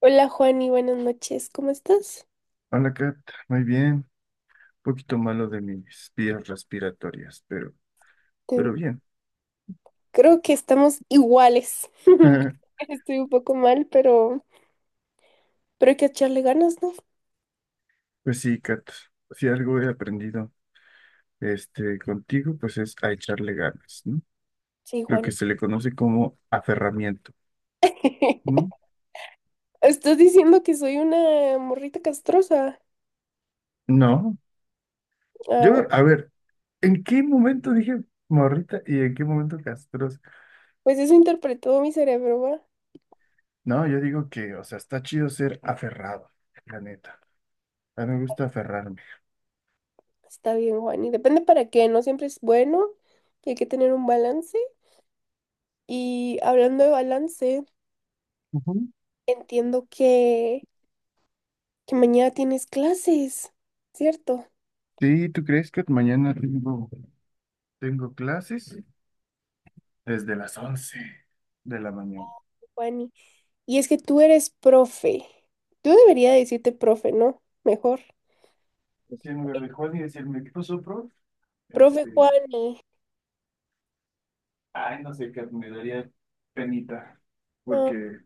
Hola Juani, buenas noches, ¿cómo estás? Hola, Kat. Muy bien. Un poquito malo de mis vías respiratorias, pero, Te- pero bien. Creo que estamos iguales. Estoy un poco mal, pero hay que echarle ganas, ¿no? Pues sí, Kat. Si algo he aprendido contigo, pues es a echarle ganas, ¿no? Sí, Lo Juan. que se le conoce como aferramiento. ¿No? Estás diciendo que soy una morrita castrosa. No. Ah, bueno, Yo, a ver, ¿en qué momento dije morrita y en qué momento castrosa? pues eso interpretó mi cerebro, ¿va? No, yo digo que, o sea, está chido ser aferrado, la neta. A mí me gusta aferrarme. Está bien, Juan y depende para qué, no siempre es bueno. Y hay que tener un balance. Y hablando de balance, Ujú. entiendo que, que mañana tienes clases, ¿cierto, Sí, ¿tú crees que mañana tengo clases? Desde las 11 de la mañana. Juani? Y es que tú eres profe. Tú deberías decirte profe, ¿no? Mejor. Así en lugar de Juan y decirme, ¿qué pasó, prof? Profe Este, Juani. Ay, no sé, qué me daría penita, No, porque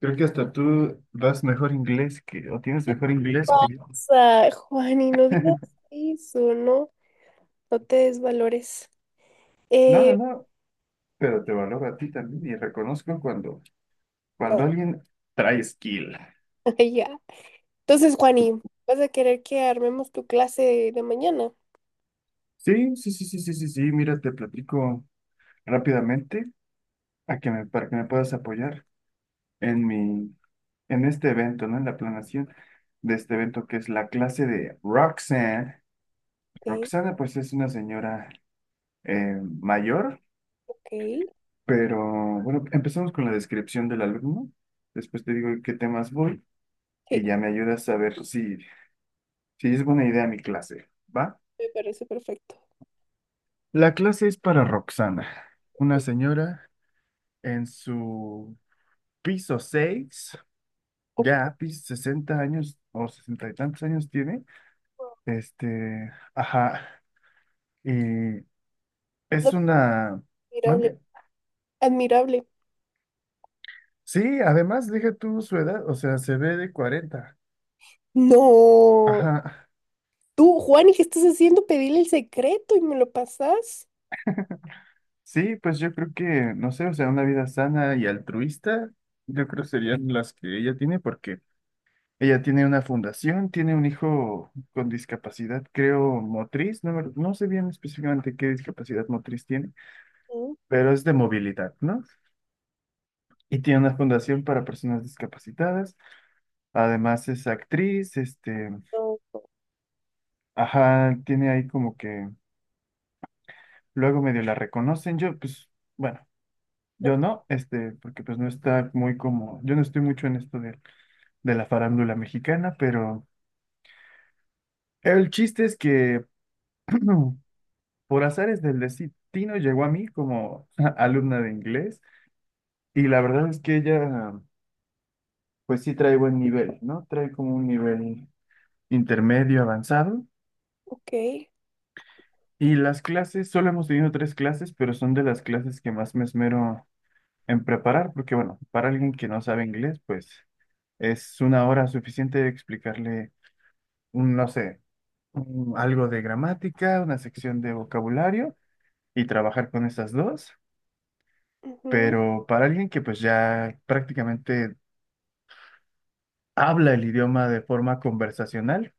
creo que hasta tú das mejor inglés que, o tienes ¿qué mejor inglés que yo. pasa, Juani? No digas eso, ¿no? No te desvalores. No, no, Eh, no, pero te valoro a ti también y reconozco cuando, no, cuando alguien trae skill. ya. Entonces, Juani, ¿vas a querer que armemos tu clase de mañana? Sí, sí, sí, sí, sí, sí, sí, mira, te platico rápidamente para que me puedas apoyar en mi, en este evento, ¿no? En la planeación de este evento que es la clase de Roxanne. Ok, Roxana, pues es una señora mayor, ok. pero bueno, empezamos con la descripción del alumno. Después te digo en qué temas voy Sí, y ya me ayudas a ver si es buena idea mi clase, ¿va? me parece perfecto. La clase es para Roxana, una señora en su piso 6 Ok. ya piso 60 años o 60 y tantos años tiene. Ajá, y es No, una... admirable. ¿Mande? Admirable. Sí, además, deja tú su edad, o sea, se ve de 40. No. Ajá, Tú, Juani, ¿qué estás haciendo? Pedirle el secreto y me lo pasas. sí, pues yo creo que, no sé, o sea, una vida sana y altruista, yo creo serían las que ella tiene, porque ella tiene una fundación, tiene un hijo con discapacidad, creo, motriz, no, no sé bien específicamente qué discapacidad motriz tiene, Mm, pero es de movilidad, ¿no? Y tiene una fundación para personas discapacitadas. Además es actriz, no. ajá, tiene ahí como que luego medio la reconocen. Yo, pues, bueno, O- yo no, porque pues no está muy como, yo no estoy mucho en esto de, la farándula mexicana, pero el chiste es que por azares del destino llegó a mí como alumna de inglés y la verdad es que ella, pues sí trae buen nivel, ¿no? Trae como un nivel intermedio avanzado. Ok. Y las clases, solo hemos tenido tres clases, pero son de las clases que más me esmero en preparar, porque bueno, para alguien que no sabe inglés, pues es una hora suficiente de explicarle, no sé, algo de gramática, una sección de vocabulario y trabajar con esas dos. Ujú, Pero para alguien que pues ya prácticamente habla el idioma de forma conversacional,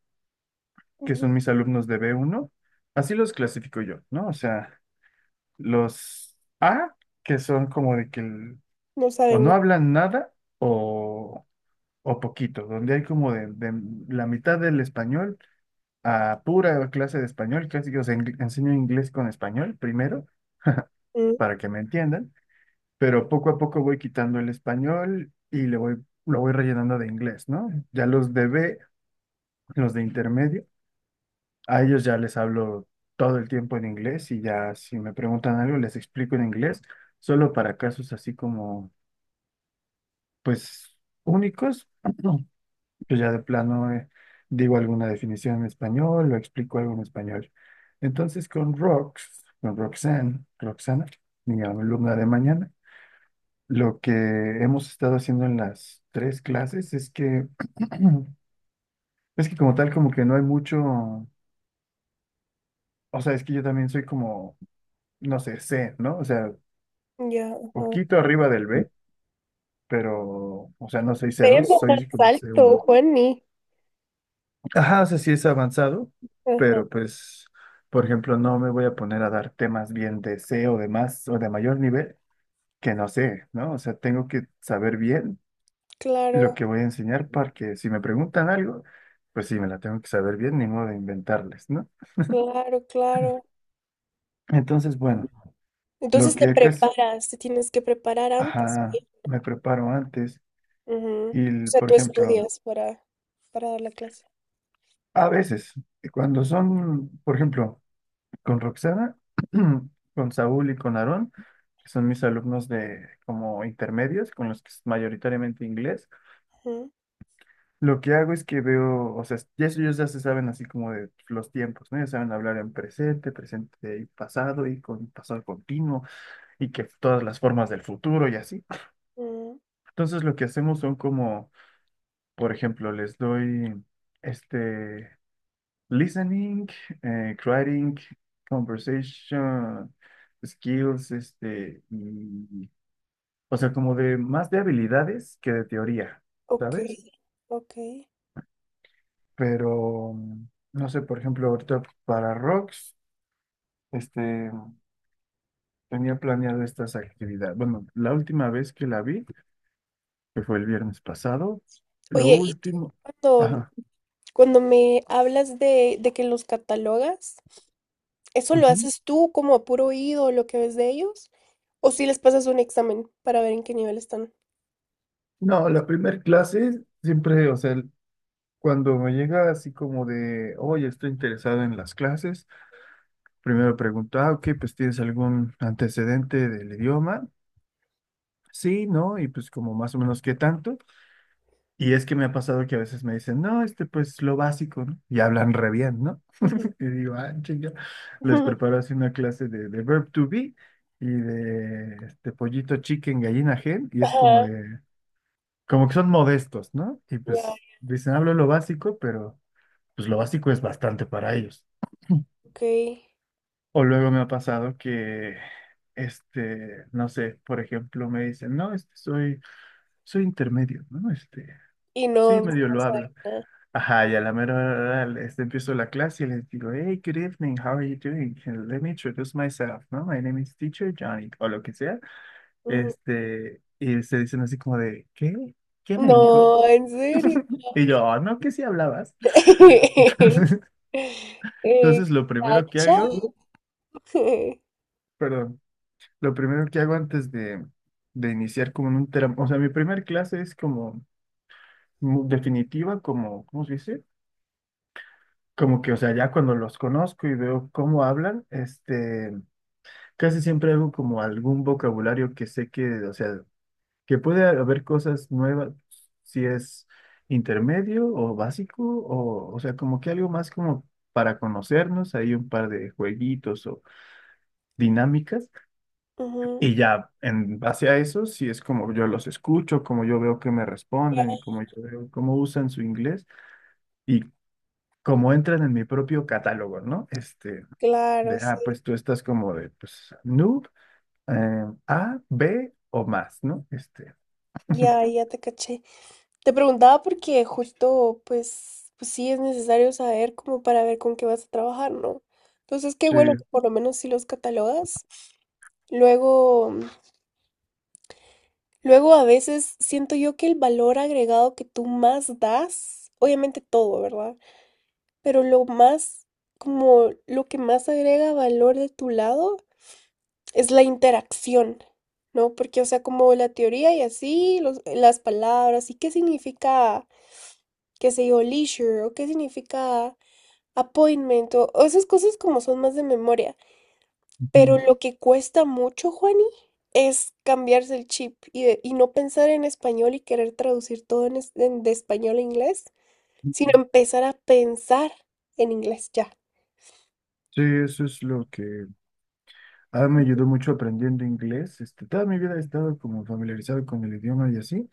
que ujú. son mis alumnos de B1, así los clasifico yo, ¿no? O sea, los A, que son como de que... No o saben no nada. hablan nada o, o poquito, donde hay como de la mitad del español a pura clase de español, casi que os enseño inglés con español primero Mm, para que me entiendan, pero poco a poco voy quitando el español y lo voy rellenando de inglés, ¿no? Ya los de B, los de intermedio, a ellos ya les hablo todo el tiempo en inglés y ya si me preguntan algo les explico en inglés, solo para casos así como, pues, únicos. Yo ya de plano digo alguna definición en español o explico algo en español. Entonces con Rox, con Roxanne, Roxana, mi alumna de mañana, lo que hemos estado haciendo en las tres clases es que, es que como tal como que no hay mucho, o sea, es que yo también soy como, no sé, C, ¿no? O sea, ya. poquito arriba del B, pero, o sea, no soy C2, Pero más soy como c alto, uno Juani. Ajá, o sea, sí es avanzado, Ajá. pero pues, por ejemplo, no me voy a poner a dar temas bien de C o de más o de mayor nivel que no sé, ¿no? O sea, tengo que saber bien lo Claro, que voy a enseñar para que si me preguntan algo, pues sí, me la tengo que saber bien, ni modo de inventarles, ¿no? claro, claro. Entonces, bueno, lo Entonces te que casi, preparas, te tienes que preparar antes, ajá, bien. me preparo antes Ujú. O y, sea, por ejemplo, para dar la clase. a veces, cuando son, por ejemplo, con Roxana, con Saúl y con Aarón, que son mis alumnos de como intermedios, con los que es mayoritariamente inglés. Ujú, Lo que hago es que veo, o sea, ya ellos ya se saben así como de los tiempos, ¿no? Ya saben hablar en presente, y pasado, y con pasado continuo, y que todas las formas del futuro y así. ujú. Entonces lo que hacemos son como, por ejemplo, les doy este. Listening, creating, conversation, skills, y, o sea, como de más de habilidades que de teoría, Ok, ¿sabes? ok. Pero, no sé, por ejemplo, ahorita para rocks, este, tenía planeado estas actividades. Bueno, la última vez que la vi, que fue el viernes pasado, lo Oye, último, cuando, ajá. cuando me hablas de que los catalogas, ¿eso lo Ujú. haces tú como a puro oído, lo que ves de ellos? ¿O si les pasas un examen para ver en qué nivel están? No, la primer clase siempre, o sea, cuando me llega así como de, oye, estoy interesado en las clases, primero pregunto, ah, ok, pues ¿tienes algún antecedente del idioma? Sí, ¿no? Y pues como más o menos qué tanto. Y es que me ha pasado que a veces me dicen, no, pues lo básico, ¿no? Y hablan re bien, ¿no? Ujú. Y digo, ah, chinga, les preparo así una clase de, verb to be y de este pollito chicken, gallina hen, y es como Ajá, de, como que son modestos, ¿no? Y ya, pues dicen, hablo lo básico, pero... pues lo básico es bastante para ellos. ok. O luego me ha pasado que, no sé, por ejemplo, me dicen, no, soy intermedio, ¿no? Y Sí, no, no medio lo hablo. sabe nada. Ajá, y a la mera hora, empiezo la clase y les digo, hey, good evening, how are you doing? Let me introduce myself, ¿no? My name is teacher Johnny, o lo que sea. Ujú. Y se dicen así como de, ¿qué? ¿Qué me dijo? No, en serio. Y yo, "Ah, no, que sí hablabas". Eh, Entonces, lo primero que ¿cacha? hago, perdón. Lo primero que hago antes de iniciar como en un tram, o sea, mi primer clase es como definitiva, como, ¿cómo se dice? Como que, o sea, ya cuando los conozco y veo cómo hablan, casi siempre hago como algún vocabulario que sé que, o sea, que puede haber cosas nuevas, si es intermedio o básico, o sea, como que algo más como para conocernos, hay un par de jueguitos o dinámicas. Ujú, Y ya en base a eso, sí es como yo los escucho, como yo veo que me responden y como yo veo cómo usan su inglés y cómo entran en mi propio catálogo, ¿no? Claro, De, sí. ah, pues tú estás como de, pues, noob, A, B o más, ¿no? Ya, ya te caché. Te preguntaba porque justo, pues, pues sí es necesario saber como para ver con qué vas a trabajar, ¿no? Entonces, qué Sí. bueno que por lo menos si los catalogas. Luego, luego a veces siento yo que el valor agregado que tú más das, obviamente todo, ¿verdad? Pero lo más, como lo que más agrega valor de tu lado es la interacción, ¿no? Porque, o sea, como la teoría y así, las palabras, y qué significa, qué sé yo, leisure, o qué significa appointment, o esas cosas como son más de memoria. Pero Ujú. lo que cuesta mucho, Juani, es cambiarse el chip y no pensar en español y querer traducir todo de español a inglés, sino empezar a pensar en inglés ya. Sí, eso es lo que me ayudó mucho aprendiendo inglés. Toda mi vida he estado como familiarizado con el idioma y así,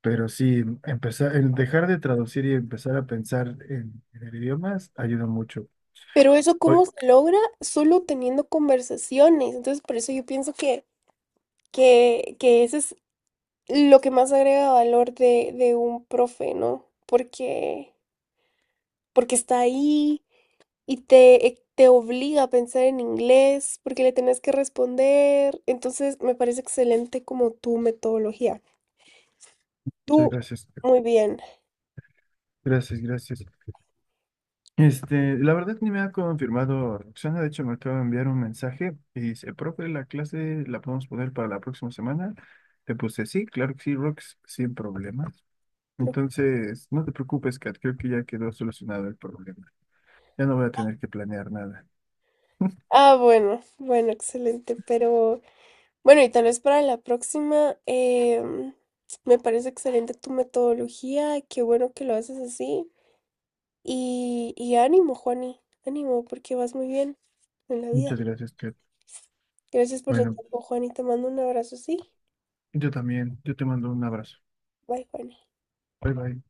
pero sí, empezar, el dejar de traducir y empezar a pensar en el idioma ayuda mucho. Pero eso Oye, cómo se logra solo teniendo conversaciones. Entonces, por eso yo pienso que ese es lo que más agrega valor de un profe, ¿no? Porque, porque está ahí, te obliga a pensar en inglés porque le tenés que responder. Entonces, me parece excelente como tu metodología. Tú, muchas gracias. muy bien. Gracias, gracias. La verdad ni me ha confirmado Roxana, de hecho me acaba de enviar un mensaje y dice, profe, la clase la podemos poner para la próxima semana. Le puse sí, claro que sí, Rox, sin problemas. Ok. Entonces, no te preocupes, Kat, creo que ya quedó solucionado el problema. Ya no voy a tener que planear nada. Ah, bueno, bueno, excelente. Pero bueno, y tal vez para la próxima, me parece excelente tu metodología. Qué bueno que lo haces así. Y ánimo, Juani, ánimo, porque vas muy bien en la vida. Muchas gracias, Kat. Gracias por tu Bueno, tiempo, Juani. Te mando un abrazo, sí. yo también, yo te mando un abrazo. Bye, Juani. Bye bye.